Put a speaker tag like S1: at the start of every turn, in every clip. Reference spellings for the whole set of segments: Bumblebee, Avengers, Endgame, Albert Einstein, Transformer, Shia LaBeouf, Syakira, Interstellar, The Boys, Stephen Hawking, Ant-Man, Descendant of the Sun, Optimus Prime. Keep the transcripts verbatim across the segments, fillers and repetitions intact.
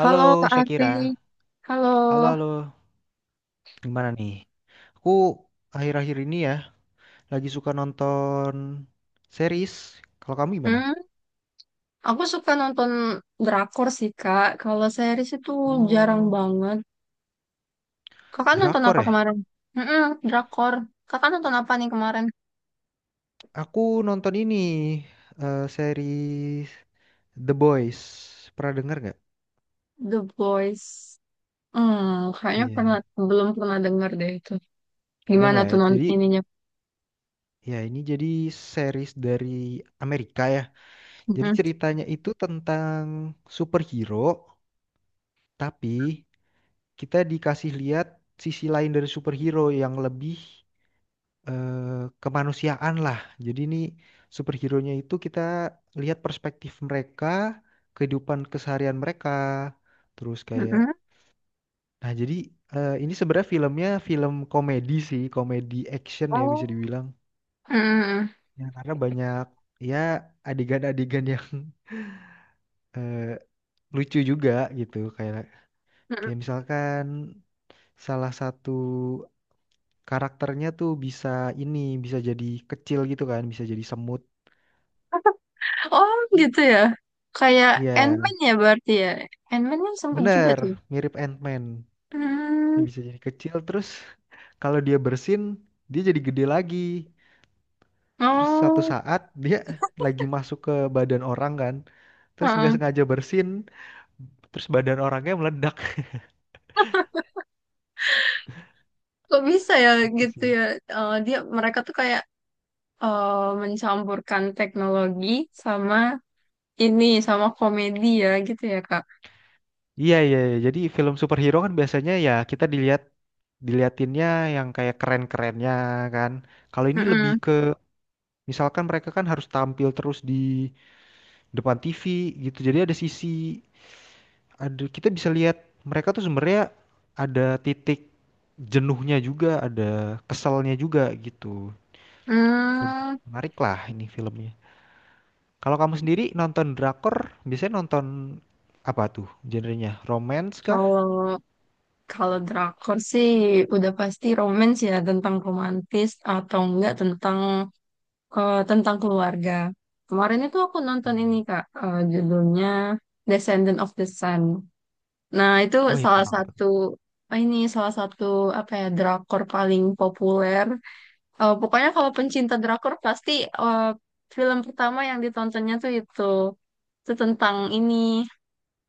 S1: Halo Kak Afri,
S2: Syakira,
S1: halo.
S2: halo halo, gimana nih? Aku akhir-akhir ini ya lagi suka nonton series. Kalau kamu gimana?
S1: Hmm, aku suka nonton drakor sih Kak. Kalau series itu jarang
S2: Oh,
S1: banget. Kakak nonton
S2: drakor
S1: apa
S2: ya?
S1: kemarin? Hmm, drakor. Kakak nonton apa nih kemarin?
S2: Aku nonton ini eh, series The Boys. Pernah denger nggak?
S1: The Boys. Hmm, kayaknya pernah
S2: Iya,
S1: belum pernah dengar deh itu.
S2: belum
S1: Gimana
S2: ya.
S1: tuh non
S2: Jadi
S1: ininya?
S2: ya ini jadi series dari Amerika ya. Jadi
S1: Hmm,
S2: ceritanya itu tentang superhero, tapi kita dikasih lihat sisi lain dari superhero yang lebih eh, kemanusiaan lah. Jadi ini superhero-nya itu kita lihat perspektif mereka, kehidupan keseharian mereka, terus kayak
S1: hmm.
S2: nah jadi eh, ini sebenarnya filmnya film komedi sih, komedi action ya bisa
S1: Oh,
S2: dibilang.
S1: hmm.
S2: Ya, karena banyak ya adegan-adegan yang eh, lucu juga gitu kayak
S1: Mm-mm.
S2: kayak misalkan salah satu karakternya tuh bisa ini bisa jadi kecil gitu kan, bisa jadi semut.
S1: Oh, gitu ya. Kayak
S2: Iya.
S1: Ant-Man ya berarti ya. Ant-Man kan sempat juga
S2: Bener,
S1: tuh.
S2: mirip Ant-Man. Dia
S1: Hmm.
S2: bisa jadi kecil terus kalau dia bersin dia jadi gede lagi. Terus suatu
S1: Oh.
S2: saat dia lagi masuk ke badan orang kan. Terus nggak
S1: Heeh.
S2: sengaja bersin, terus badan orangnya meledak
S1: Kok bisa ya
S2: gitu
S1: gitu
S2: sih.
S1: ya? Eh, dia mereka tuh kayak eh, mencampurkan teknologi sama ini sama komedi ya gitu ya Kak.
S2: Iya iya, iya. Jadi film superhero kan biasanya ya kita dilihat diliatinnya yang kayak keren-kerennya kan. Kalau ini lebih
S1: Mm-mm.
S2: ke misalkan mereka kan harus tampil terus di depan T V gitu. Jadi ada sisi ada kita bisa lihat mereka tuh sebenarnya ada titik jenuhnya juga, ada keselnya juga gitu. Lebih
S1: Hmm,
S2: menarik lah ini filmnya. Kalau kamu sendiri nonton drakor, biasanya nonton apa tuh genrenya? Romance kah?
S1: kalau kalau drakor sih udah pasti romance ya tentang romantis atau enggak tentang eh, tentang keluarga. Kemarin itu aku nonton ini Kak, eh, judulnya Descendant of the Sun. Nah, itu
S2: Wih,
S1: salah
S2: tentang apa tuh?
S1: satu. Oh, ini salah satu, apa ya, drakor paling populer. Eh, pokoknya kalau pencinta drakor pasti eh, film pertama yang ditontonnya tuh itu itu tentang ini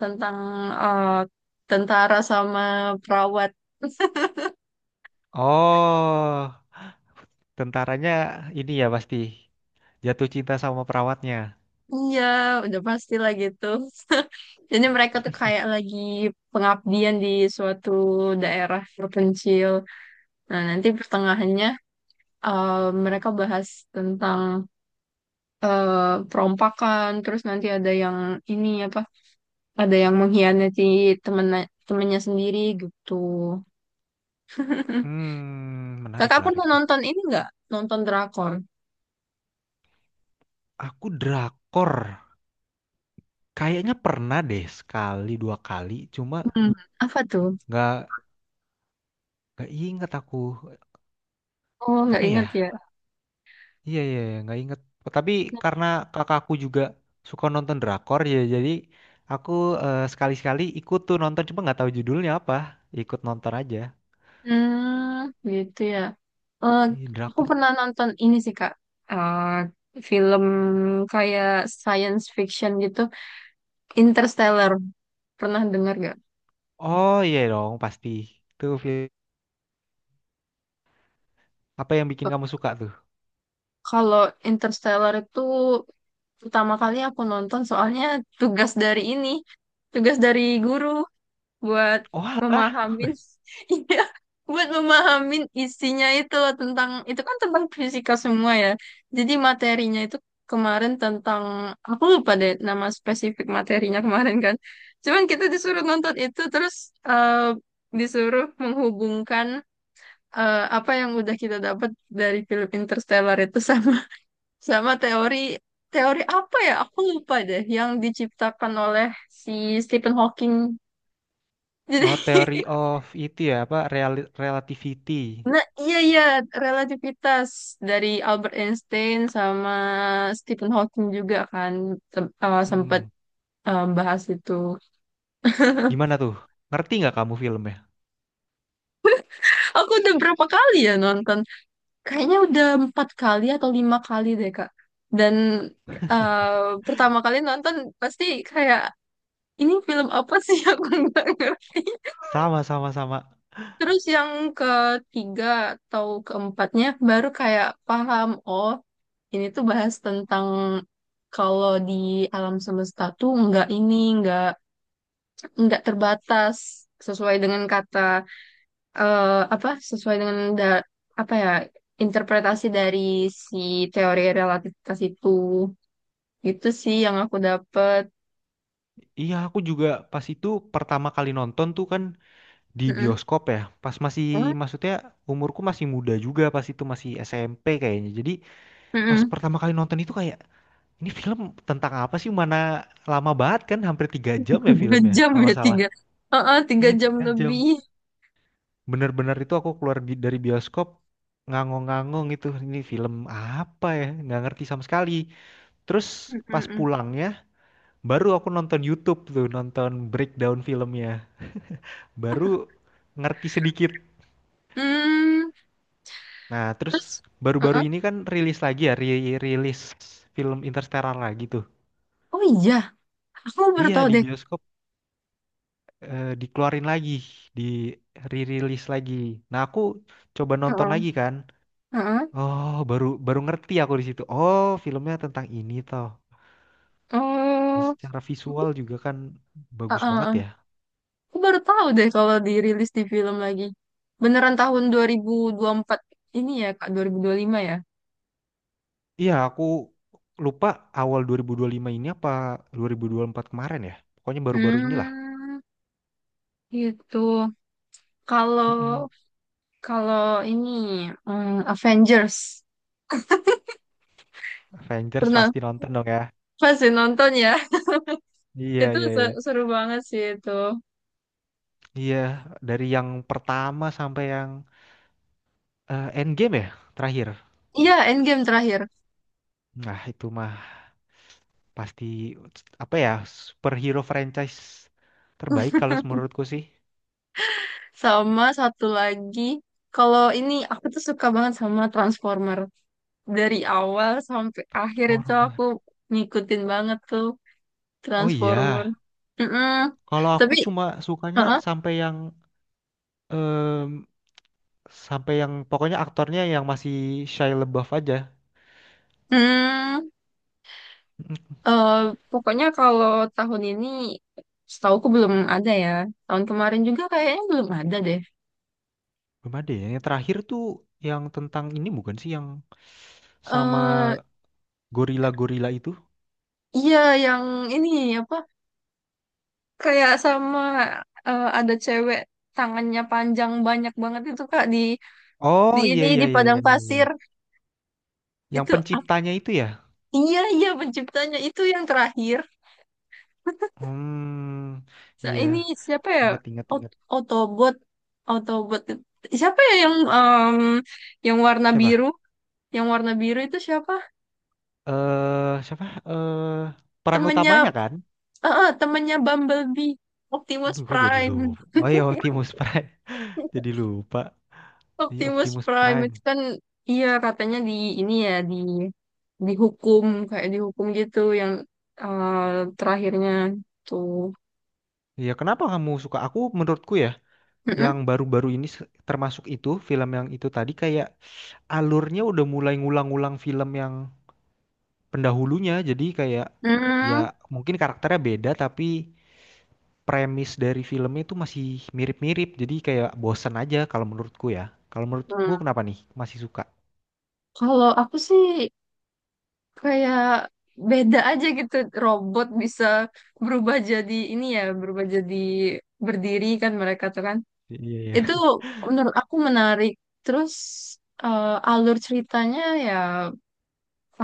S1: tentang eh, tentara sama perawat.
S2: Oh, tentaranya ini ya pasti jatuh cinta sama perawatnya.
S1: Iya, udah pasti lah gitu. Jadi mereka tuh kayak lagi pengabdian di suatu daerah terpencil. Nah, nanti pertengahannya eh, mereka bahas tentang eh, perompakan, terus nanti ada yang ini apa ada yang mengkhianati temennya temennya sendiri gitu.
S2: Hmm, menarik
S1: Kakak
S2: menarik
S1: pernah
S2: tuh.
S1: nonton ini nggak? Nonton drakor?
S2: Aku drakor, kayaknya pernah deh sekali dua kali, cuma
S1: Hmm, apa tuh?
S2: nggak gak inget aku
S1: Oh, nggak
S2: apa ya?
S1: ingat ya.
S2: Iya iya iya, nggak inget. Tapi karena kakakku juga suka nonton drakor ya, jadi aku eh, sekali-sekali ikut tuh nonton, cuma nggak tahu judulnya apa. Ikut nonton aja.
S1: Hmm, gitu ya. Eh,
S2: Ih,
S1: aku
S2: drakor.
S1: pernah nonton ini sih Kak. Eh, film kayak science fiction gitu, Interstellar. Pernah dengar nggak?
S2: Oh iya dong pasti. Tuh film apa yang bikin kamu suka tuh?
S1: Kalau Interstellar itu pertama kali aku nonton soalnya tugas dari ini, tugas dari guru, buat
S2: Oh alah.
S1: memahamin, iya, buat memahamin isinya itu loh, tentang itu kan tentang fisika semua ya, jadi materinya itu kemarin tentang aku lupa deh nama spesifik materinya kemarin kan cuman kita disuruh nonton itu terus eh, disuruh menghubungkan eh, apa yang udah kita dapat dari film Interstellar itu sama sama teori teori apa ya aku lupa deh yang diciptakan oleh si Stephen Hawking jadi.
S2: Oh Theory of itu ya apa Reali- Relativity.
S1: Nah, iya, iya, relativitas dari Albert Einstein sama Stephen Hawking juga kan tem- eh, sempet
S2: Mm-mm.
S1: eh, bahas itu.
S2: Gimana tuh? Ngerti nggak kamu filmnya?
S1: Aku udah berapa kali ya nonton? Kayaknya udah empat kali atau lima kali deh, Kak. Dan eh, pertama kali nonton pasti kayak ini film apa sih, aku nggak ngerti.
S2: Sama sama sama.
S1: Terus yang ketiga atau keempatnya baru kayak paham, oh, ini tuh bahas tentang kalau di alam semesta tuh nggak ini, nggak nggak terbatas sesuai dengan kata eh, apa sesuai dengan da- apa ya interpretasi dari si teori relativitas itu. Itu sih yang aku dapet.
S2: Iya aku juga pas itu pertama kali nonton tuh kan. Di
S1: Mm-mm.
S2: bioskop ya, pas masih
S1: Hmm?
S2: maksudnya umurku masih muda juga pas itu masih S M P kayaknya. Jadi pas
S1: Mm-mm.
S2: pertama kali nonton itu kayak ini film tentang apa sih? Mana lama banget kan? Hampir tiga jam ya
S1: Tiga
S2: filmnya
S1: jam
S2: kalau
S1: ya
S2: nggak salah.
S1: tiga. Heeh, tiga
S2: Iya,
S1: jam
S2: tiga jam.
S1: lebih.
S2: Bener-bener itu aku keluar bi- dari bioskop ngangong-ngangong itu ini film apa ya? Nggak ngerti sama sekali. Terus pas
S1: Mm-mm.
S2: pulangnya baru aku nonton YouTube tuh nonton breakdown filmnya. Baru ngerti sedikit.
S1: Hmm.
S2: Nah, terus
S1: Terus,
S2: baru-baru
S1: heeh.
S2: ini kan rilis lagi ya, ri- rilis film Interstellar lagi tuh.
S1: Oh iya, aku baru
S2: Iya,
S1: tahu
S2: di
S1: deh.
S2: bioskop eh, dikeluarin lagi, di re-release lagi. Nah, aku coba nonton
S1: Heeh,
S2: lagi kan.
S1: heeh.
S2: Oh, baru baru ngerti aku di situ. Oh, filmnya tentang ini toh. Dan
S1: Oh,
S2: secara visual juga kan bagus
S1: heeh,
S2: banget
S1: heeh.
S2: ya.
S1: Aku baru tahu deh kalau dirilis di film lagi. Beneran tahun dua ribu dua ribu empat ini ya, Kak, dua ribu dua puluh lima ya.
S2: Iya, aku lupa awal dua ribu dua puluh lima ini apa dua ribu dua puluh empat kemarin ya. Pokoknya baru-baru inilah.
S1: Hmm, gitu.
S2: Mm-mm.
S1: Kalau kalau ini, hmm, Avengers
S2: Avengers
S1: pernah
S2: pasti nonton dong ya.
S1: pasti nonton ya.
S2: Iya,
S1: Itu
S2: iya,
S1: se-
S2: iya.
S1: seru banget sih itu.
S2: Iya, dari yang pertama sampai yang eh, Endgame ya terakhir.
S1: Iya, Endgame terakhir.
S2: Nah, itu mah pasti apa ya superhero franchise terbaik kalau menurutku sih.
S1: Sama satu lagi, kalau ini aku tuh suka banget sama Transformer. Dari awal sampai akhir itu
S2: Transformer.
S1: aku ngikutin banget tuh
S2: Oh iya,
S1: Transformer. Mm-mm.
S2: kalau aku
S1: Tapi,
S2: cuma sukanya
S1: uh-uh.
S2: sampai yang em, sampai yang pokoknya aktornya yang masih Shia LaBeouf aja.
S1: Mm.
S2: Mm,
S1: eh, pokoknya kalau tahun ini setauku belum ada ya. Tahun kemarin juga kayaknya belum ada deh.
S2: belum ada ya. Yang terakhir tuh yang tentang ini bukan sih yang
S1: Eh,
S2: sama gorila-gorila itu?
S1: iya, yang ini apa kayak sama eh, ada cewek tangannya panjang banyak banget itu Kak di di
S2: Oh iya
S1: ini
S2: iya
S1: di
S2: iya
S1: padang
S2: iya, iya,
S1: pasir
S2: iya. Yang
S1: itu ap-
S2: penciptanya itu ya?
S1: iya iya penciptanya itu yang terakhir.
S2: Hmm,
S1: Sa-
S2: iya,
S1: ini siapa ya,
S2: ingat ingat ingat.
S1: Ot- Autobot, Autobot siapa ya, yang em, yang warna
S2: Siapa?
S1: biru, yang warna biru itu siapa?
S2: Eh, siapa? Eh, peran
S1: Temennya,
S2: utamanya kan?
S1: eh, eh, temennya Bumblebee, Optimus
S2: Aduh, kok jadi
S1: Prime.
S2: lupa. Oh iya, Optimus Prime. Jadi lupa. Iya,
S1: Optimus
S2: Optimus
S1: Prime
S2: Prime.
S1: itu kan iya katanya di ini ya di dihukum, kayak dihukum gitu yang eh, terakhirnya tuh.
S2: Iya, kenapa kamu suka? Aku menurutku ya, yang
S1: Mm-mm.
S2: baru-baru ini se- termasuk itu film yang itu tadi kayak alurnya udah mulai ngulang-ngulang film yang pendahulunya. Jadi kayak
S1: Mm-mm.
S2: ya mungkin karakternya beda tapi premis dari filmnya itu masih mirip-mirip. Jadi kayak bosen aja kalau menurutku ya. Kalau menurutmu
S1: Hmm.
S2: kenapa nih? Masih suka?
S1: Kalau aku sih kayak beda aja gitu. Robot bisa berubah jadi ini ya, berubah jadi berdiri kan mereka tuh kan.
S2: Iya,
S1: Itu
S2: iya.
S1: menurut aku menarik. Terus eh, alur ceritanya ya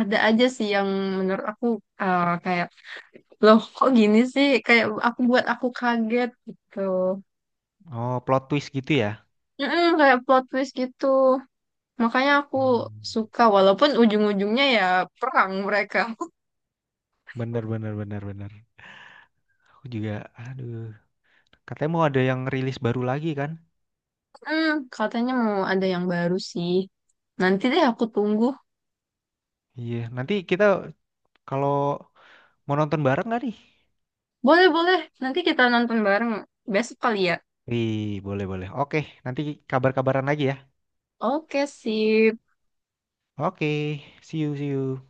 S1: ada aja sih yang menurut aku eh, kayak loh, kok gini sih? Kayak aku buat aku kaget gitu.
S2: Oh, plot twist gitu ya?
S1: Mm-mm, kayak plot twist gitu. Makanya aku
S2: Hmm.
S1: suka walaupun ujung-ujungnya ya perang mereka.
S2: Bener, bener, bener, bener. Aku juga, aduh. Katanya mau ada yang rilis baru lagi kan?
S1: Hmm, katanya mau ada yang baru sih. Nanti deh aku tunggu.
S2: Iya, nanti kita kalau mau nonton bareng nggak nih?
S1: Boleh, boleh. Nanti kita nonton bareng besok kali ya.
S2: Wih, boleh, boleh. Oke, nanti kabar-kabaran lagi ya.
S1: Oke, sip.
S2: Oke, see you, see you.